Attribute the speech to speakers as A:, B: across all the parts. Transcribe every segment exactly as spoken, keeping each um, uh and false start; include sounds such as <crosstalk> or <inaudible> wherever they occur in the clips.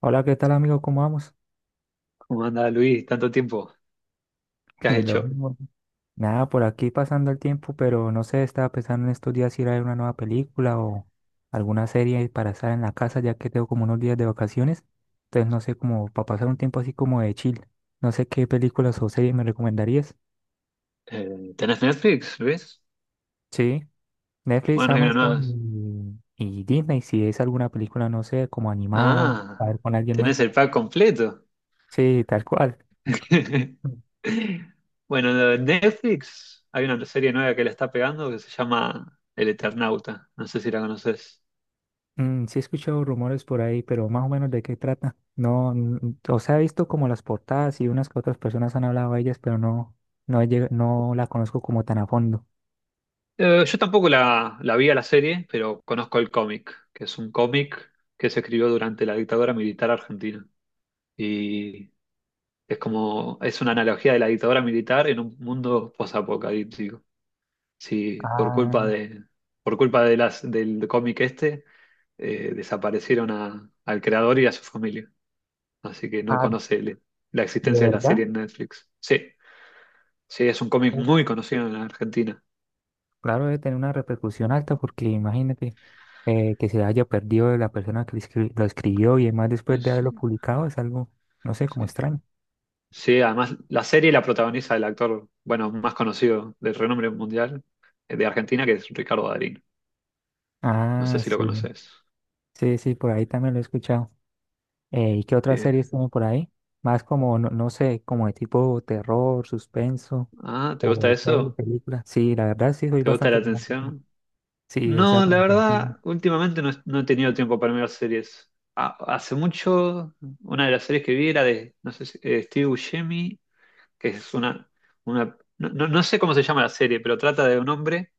A: Hola, ¿qué tal amigo? ¿Cómo vamos?
B: ¿Cómo anda Luis? Tanto tiempo.
A: <laughs>
B: ¿Qué has
A: Lo
B: hecho?
A: mismo. Nada, por aquí pasando el tiempo, pero no sé, estaba pensando en estos días si ir a ver una nueva película o alguna serie para estar en la casa, ya que tengo como unos días de vacaciones. Entonces, no sé, como para pasar un tiempo así como de chill. No sé qué películas o series me recomendarías.
B: Eh, ¿tenés Netflix, Luis?
A: Sí, Netflix,
B: Bueno, hay una nueva.
A: Amazon y, y Disney, si es alguna película, no sé, como animada, a
B: Ah,
A: ver con alguien más.
B: tenés el pack completo.
A: Sí, tal cual.
B: <laughs> Bueno, de Netflix hay una serie nueva que la está pegando que se llama El Eternauta. No sé si la conoces.
A: Mm, sí he escuchado rumores por ahí, pero más o menos de qué trata. No, n- O sea, he visto como las portadas y unas que otras personas han hablado de ellas, pero no, no, he llega- no la conozco como tan a fondo.
B: Eh, yo tampoco la, la vi a la serie, pero conozco el cómic, que es un cómic que se escribió durante la dictadura militar argentina. Y es como, es una analogía de la dictadura militar en un mundo posapocalíptico. Sí, por culpa
A: Ah,
B: de, por culpa de las, del cómic este, eh, desaparecieron a- al creador y a su familia. Así que no
A: ah,
B: conoce el- la
A: ¿De
B: existencia de la
A: verdad?
B: serie en Netflix. Sí, sí, es un cómic
A: Uf,
B: muy conocido en Argentina.
A: claro, debe tener una repercusión alta porque imagínate eh, que se haya perdido de la persona que lo escri- lo escribió y además después de
B: Sí,
A: haberlo publicado es algo, no sé, como
B: sí.
A: extraño.
B: Sí, además la serie la protagoniza el actor, bueno, más conocido de renombre mundial eh, de Argentina, que es Ricardo Darín. No sé
A: Ah,
B: si lo
A: sí,
B: conoces.
A: sí, sí, por ahí también lo he escuchado. Eh, ¿y qué otras
B: Sí.
A: series tienen por ahí? Más como, no, no sé, como de tipo terror, suspenso
B: Ah, ¿te gusta
A: o serie,
B: eso?
A: película. Sí, la verdad sí, soy
B: ¿Te gusta la
A: bastante fanático.
B: atención?
A: Sí, o sea,
B: No, la
A: como que- sí.
B: verdad, últimamente no, no he tenido tiempo para mirar series. Ha- hace mucho, una de las series que vi era de, no sé si- eh, Steve Buscemi, que es una, una no, no- no sé cómo se llama la serie, pero trata de un hombre,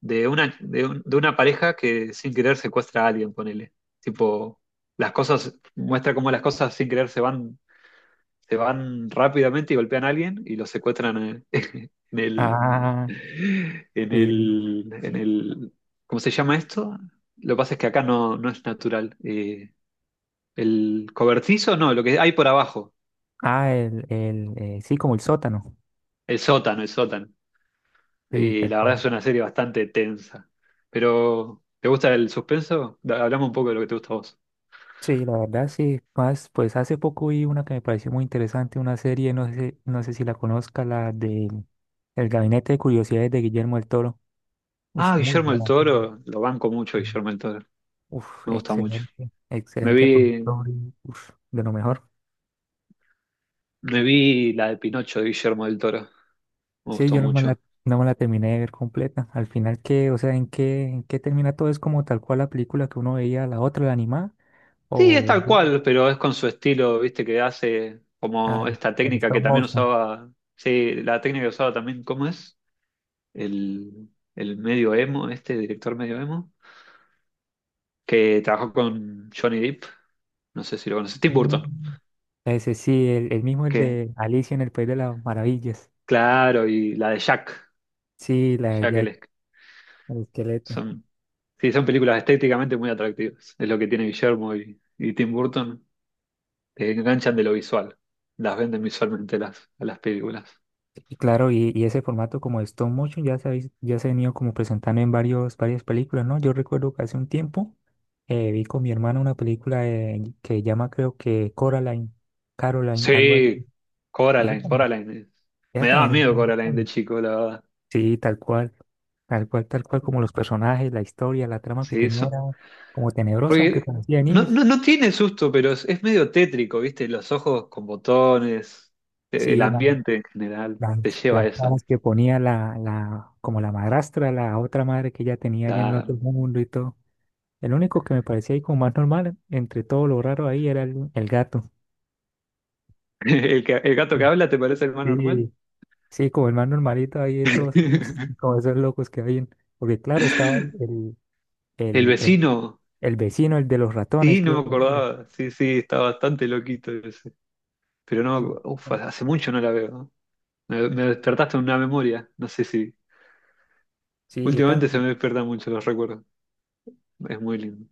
B: de una, de un- de una pareja que sin querer secuestra a alguien, ponele. Tipo, las cosas, muestra cómo las cosas sin querer se van se van rápidamente y golpean a alguien y lo secuestran eh, <laughs> en el,
A: Ah,
B: en
A: sí.
B: el, en el, ¿cómo se llama esto? Lo que pasa es que acá no, no es natural. Eh, el cobertizo, no, lo que hay por abajo,
A: Ah, el, el, eh, sí, como el sótano.
B: el sótano, el sótano.
A: Sí,
B: Y
A: tal
B: la verdad
A: cual.
B: es una serie bastante tensa. Pero, ¿te gusta el suspenso? Da- Hablamos un poco de lo que te gusta a vos.
A: Sí, la verdad sí. Más, pues hace poco vi una que me pareció muy interesante, una serie, no sé, no sé si la conozca, la de El Gabinete de Curiosidades de Guillermo del Toro. Ush,
B: Ah,
A: muy
B: Guillermo el
A: buena serie.
B: Toro, lo banco mucho,
A: Sí.
B: Guillermo el Toro.
A: Uf,
B: Me gusta mucho.
A: excelente,
B: Me
A: excelente productor,
B: vi,
A: y, uf, de lo mejor.
B: me vi la de Pinocho de Guillermo del Toro. Me
A: Sí,
B: gustó
A: yo no me
B: mucho.
A: la, no me la terminé de ver completa. Al final, ¿qué? O sea, ¿en qué, en qué termina todo? ¿Es como tal cual la película que uno veía, la otra, la animada?
B: Sí, es
A: ¿O
B: tal cual, pero es con su estilo, viste, que hace
A: ah,
B: como
A: el
B: esta técnica que
A: stop
B: también
A: motion?
B: usaba. Sí, la técnica que usaba también, ¿cómo es? El, el medio emo, este director medio emo, que trabajó con Johnny Depp, no sé si lo conoces, Tim
A: Mm.
B: Burton,
A: Ese sí, el, el mismo, el
B: que,
A: de Alicia en el País de las Maravillas.
B: claro, y la de Jack,
A: Sí, la de
B: Jack
A: Jack,
B: el,
A: el esqueleto.
B: son, sí, son películas estéticamente muy atractivas, es lo que tiene Guillermo y, y Tim Burton, te enganchan de lo visual, las venden visualmente las, a las películas.
A: Y claro, y, y ese formato como de stop motion ya se, ha vis- ya se ha venido como presentando en varios, varias películas, ¿no? Yo recuerdo que hace un tiempo eh, vi con mi hermana una película de- que llama creo que Coraline, Caroline, algo así.
B: Sí,
A: Esa
B: Coraline,
A: también,
B: Coraline.
A: esa
B: Me daba
A: también es
B: miedo
A: una
B: Coraline de
A: serie.
B: chico, la verdad.
A: Sí, tal cual, tal cual, tal cual como los personajes, la historia, la trama que
B: Sí,
A: tenía
B: eso.
A: era como tenebrosa, aunque
B: Porque
A: parecía de
B: no,
A: niños.
B: no, no tiene susto, pero es, es medio tétrico, ¿viste? Los ojos con botones, eh, el
A: Sí, la-
B: ambiente en general te
A: las,
B: lleva a
A: las
B: eso.
A: caras que ponía la, la, como la madrastra, la otra madre que ella tenía allá en el otro
B: Claro.
A: mundo y todo. El único que me parecía ahí como más normal, entre todo lo raro ahí, era el, el gato.
B: <laughs> ¿El, que- el gato que habla te parece el más normal?
A: Sí, sí, como el más normalito ahí de todos,
B: <laughs>
A: <laughs> como esos locos que habían. Porque claro, estaba el,
B: El
A: el, el,
B: vecino,
A: el vecino, el de los ratones,
B: sí, no me
A: creo que era.
B: acordaba. Sí, sí, está bastante loquito ese. Pero no, me
A: Sí,
B: acu- uf,
A: bueno,
B: hace mucho no la veo. ¿No? Me, me despertaste una memoria. No sé si.
A: sí, yo
B: Últimamente
A: también.
B: se me despiertan mucho los recuerdos. Es muy lindo.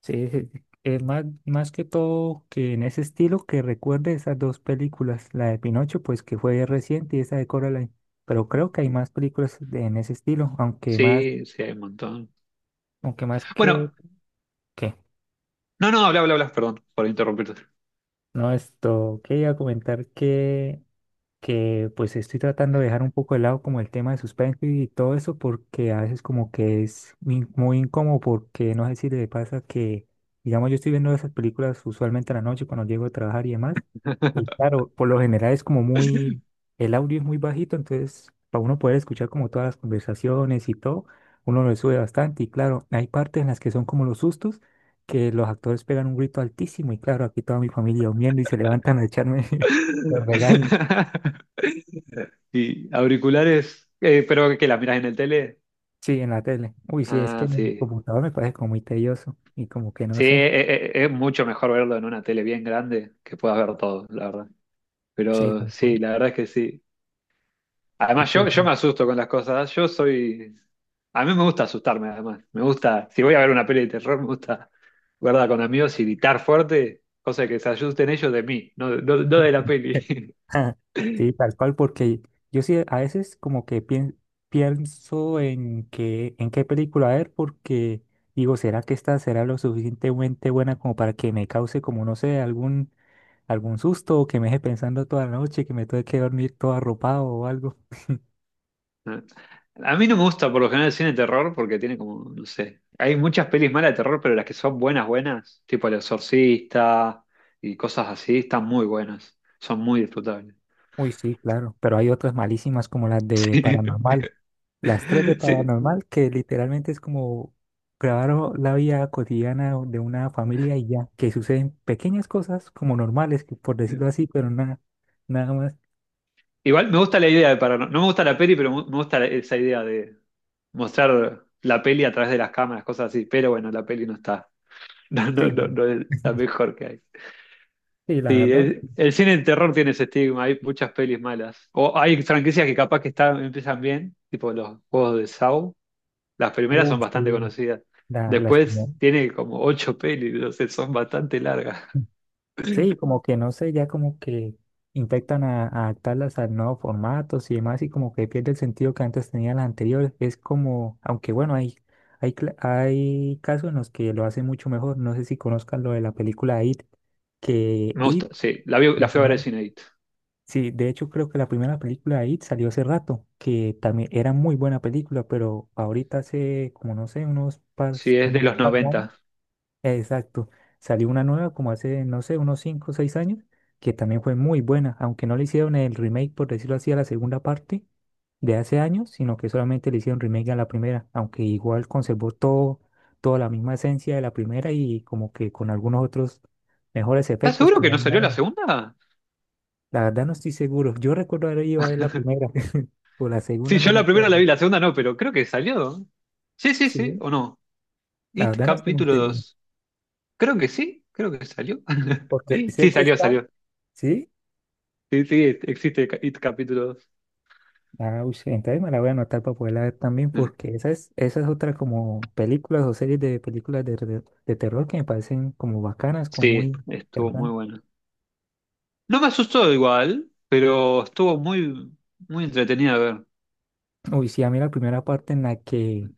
A: Sí, sí, sí. Eh, más, más que todo que en ese estilo que recuerde esas dos películas, la de Pinocho, pues que fue reciente y esa de Coraline. Pero creo que hay más películas de- en ese estilo, aunque más,
B: Sí, sí, hay un montón.
A: aunque más que,
B: Bueno,
A: ¿qué?
B: no, no, habla, habla, habla, perdón por interrumpirte.
A: No, esto quería comentar que, que pues estoy tratando de dejar un poco de lado como el tema de suspenso y todo eso porque a veces como que es in- muy incómodo porque no sé si le pasa que, digamos, yo estoy viendo esas películas usualmente en la noche cuando llego a trabajar y demás, y claro, por lo general es como muy, el audio es muy bajito, entonces para uno poder escuchar como todas las conversaciones y todo, uno lo sube bastante y claro, hay partes en las que son como los sustos, que los actores pegan un grito altísimo y claro, aquí toda mi familia durmiendo y se levantan a echarme <laughs> los regaños.
B: <laughs> Y auriculares, eh, pero que la miras en el tele.
A: Sí, en la tele. Uy, sí, es que
B: Ah,
A: en el
B: sí.
A: computador me parece como muy tedioso y como que no
B: Sí,
A: sé.
B: eh, eh, es mucho mejor verlo en una tele bien grande que puedas ver todo, la verdad.
A: Sí,
B: Pero
A: tal
B: sí,
A: cual.
B: la verdad es que sí.
A: Es
B: Además,
A: que
B: yo, yo
A: sí,
B: me asusto con las cosas. Yo soy. A mí me gusta asustarme, además. Me gusta. Si voy a ver una peli de terror, me gusta verla con amigos y gritar fuerte, cosa que se asusten ellos de mí, no, de no- no de la peli.
A: <laughs> sí, tal cual, porque yo sí a veces como que pien- pienso en qué, en qué película ver, porque digo, ¿será que esta será lo suficientemente buena como para que me cause como, no sé, algún, algún susto o que me deje pensando toda la noche, que me tenga que dormir todo arropado o algo?
B: <laughs> A mí no me gusta por lo general el cine de terror porque tiene como, no sé. Hay muchas pelis malas de terror, pero las que son buenas, buenas, tipo El Exorcista y cosas así, están muy buenas. Son muy disfrutables.
A: Uy, sí, claro, pero hay otras malísimas como las de
B: <laughs>
A: Paranormal. Las tres de
B: Sí.
A: paranormal, que literalmente es como grabar o- la vida cotidiana o- de una familia y ya, que suceden pequeñas cosas como normales, que por decirlo
B: Sí.
A: así, pero nada, nada más.
B: Igual me gusta la idea de Paranormal. No no me gusta la peli, pero mu- me gusta la- esa idea de mostrar la peli a través de las cámaras, cosas así. Pero bueno, la peli no está. <laughs> No, no,
A: Sí.
B: no, no es la
A: <laughs>
B: mejor que hay.
A: Sí, la
B: Sí,
A: verdad,
B: el, el cine de terror tiene ese estigma. Hay muchas pelis malas. O hay franquicias que capaz que están, empiezan bien, tipo los juegos de Saw. Las primeras son
A: uh,
B: bastante
A: sí,
B: conocidas.
A: la, las
B: Después
A: primeras.
B: tiene como ocho pelis, no sé, son bastante largas.
A: Sí, como que no sé, ya como que infectan a, a adaptarlas a nuevos formatos y demás, y como que pierde el sentido que antes tenía las anteriores. Es como, aunque bueno, hay, hay, cla- hay casos en los que lo hacen mucho mejor. No sé si conozcan lo de la película It, que
B: Me
A: It,
B: gusta, sí. La, vi- la
A: la
B: fui a ver
A: primera,
B: al cine.
A: sí, de hecho creo que la primera película de It salió hace rato, que también era muy buena película, pero ahorita hace como no sé, unos par,
B: Sí, es de
A: unos
B: los
A: par de años.
B: noventa.
A: Exacto. Salió una nueva como hace, no sé, unos cinco o seis años, que también fue muy buena, aunque no le hicieron el remake, por decirlo así, a la segunda parte de hace años, sino que solamente le hicieron remake a la primera, aunque igual conservó todo, toda la misma esencia de la primera y como que con algunos otros mejores
B: ¿Estás
A: efectos
B: seguro
A: que
B: que
A: hay
B: no salió la
A: ahora.
B: segunda?
A: La verdad no estoy seguro. Yo recuerdo haber ido a ver la primera, <laughs> o la segunda,
B: Sí,
A: no
B: yo
A: me
B: la primera la
A: acuerdo.
B: vi, la segunda no, pero creo que salió. Sí, sí, sí,
A: Sí,
B: o no.
A: la
B: It
A: verdad no estoy muy
B: capítulo
A: seguro,
B: dos. Creo que sí, creo que salió. <laughs>
A: porque sé
B: Sí,
A: que
B: salió,
A: está,
B: salió.
A: sí,
B: Sí, sí, existe It capítulo dos.
A: ah, uy, sí, entonces me la voy a anotar para poderla ver también,
B: Mm.
A: porque esa es, esa es otra como películas o series de películas de, de, de terror que me parecen como bacanas, como muy
B: Sí, estuvo muy
A: interesantes.
B: bueno. No me asustó igual, pero estuvo muy, muy entretenida ver
A: Uy, sí, a mí la primera parte en la que,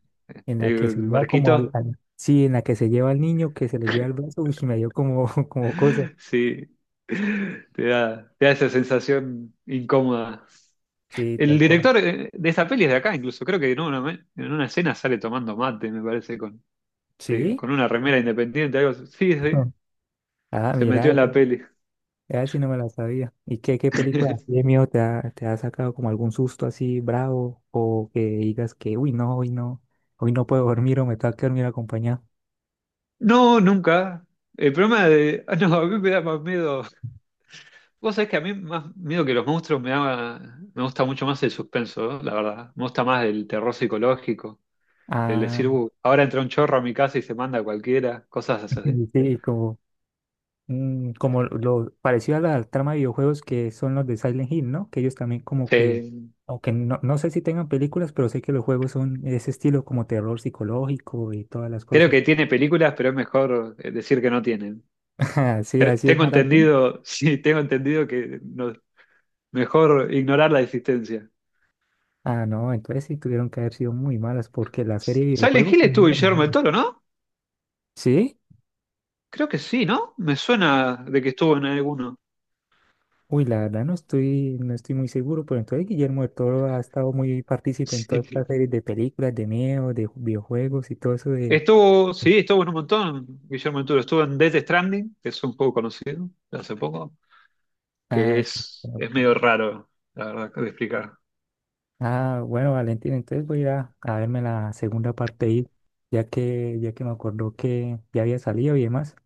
A: en la que se
B: el
A: lleva como al,
B: barquito.
A: al- sí, en la que se lleva al niño, que se le lleva el brazo, uy, me dio como, <laughs> como cosa.
B: Sí, te da, te da esa sensación incómoda.
A: Sí,
B: El
A: tal cual.
B: director eh, de esa peli es de acá, incluso. Creo que en una, en una escena sale tomando mate, me parece, con. de-
A: Sí.
B: con una remera independiente, algo así. Sí, sí,
A: <laughs> Ah,
B: se metió
A: mira,
B: en la peli.
A: ya si no me la sabía. ¿Y qué, qué película así de
B: <laughs>
A: miedo te ha, te ha sacado como algún susto así bravo o que digas que, uy, no, hoy no, hoy no puedo dormir o me tengo que dormir acompañado?
B: No, nunca. El problema de... ah, no, a mí me da más miedo. Vos sabés que a mí más miedo que los monstruos me da, me gusta mucho más el suspenso, ¿eh? La verdad. Me gusta más el terror psicológico, el
A: Ah,
B: decir, "Uh, ahora entra un chorro a mi casa y se manda a cualquiera, cosas así.
A: <laughs> sí, como, mm, como lo parecido a la trama de videojuegos que son los de Silent Hill, ¿no? Que ellos también como que,
B: Sí,
A: aunque no, no sé si tengan películas, pero sé que los juegos son ese estilo como terror psicológico y todas las
B: creo
A: cosas.
B: que tiene películas, pero es mejor eh, decir que no tienen.
A: <laughs> Sí,
B: Pero
A: así es
B: tengo
A: maratón.
B: entendido, <laughs> sí, tengo entendido que no- mejor ignorar la existencia.
A: Ah, no, entonces sí tuvieron que haber sido muy malas porque la serie de
B: Silent
A: videojuegos,
B: Hill
A: pues,
B: estuvo
A: no,
B: Guillermo del
A: no.
B: Toro, ¿no?
A: ¿Sí?
B: Creo que sí, ¿no? Me suena de que estuvo en alguno.
A: Uy, la verdad no estoy, no estoy muy seguro, pero entonces Guillermo del Toro ha estado muy partícipe en todas estas
B: Sí.
A: series de películas, de miedo, de videojuegos y todo eso de...
B: Estuvo, sí, estuvo en un montón, Guillermo del Toro. Estuvo en Death Stranding, que es un poco conocido de hace poco, que
A: Ah,
B: es, es medio raro, la verdad, de explicar.
A: ah, bueno, Valentín, entonces voy a ir a, a verme la segunda parte ahí, ya que, ya que me acordó que ya había salido y demás.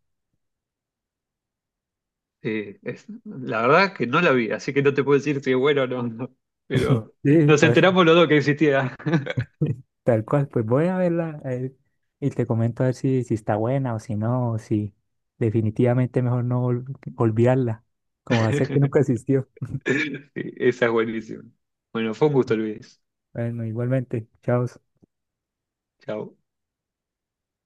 B: Sí, es- la verdad que no la vi, así que no te puedo decir si es bueno o no, no. Pero
A: Sí,
B: nos
A: por eso,
B: enteramos los dos que existía.
A: <laughs> tal cual, pues voy a verla a ver, y te comento a ver si, si está buena o si no, o si definitivamente mejor no ol- olvidarla, como hacer que nunca
B: <laughs>
A: existió.
B: Sí, esa es buenísima. Bueno, fue un gusto, Luis.
A: Bueno, igualmente, chao.
B: Chao.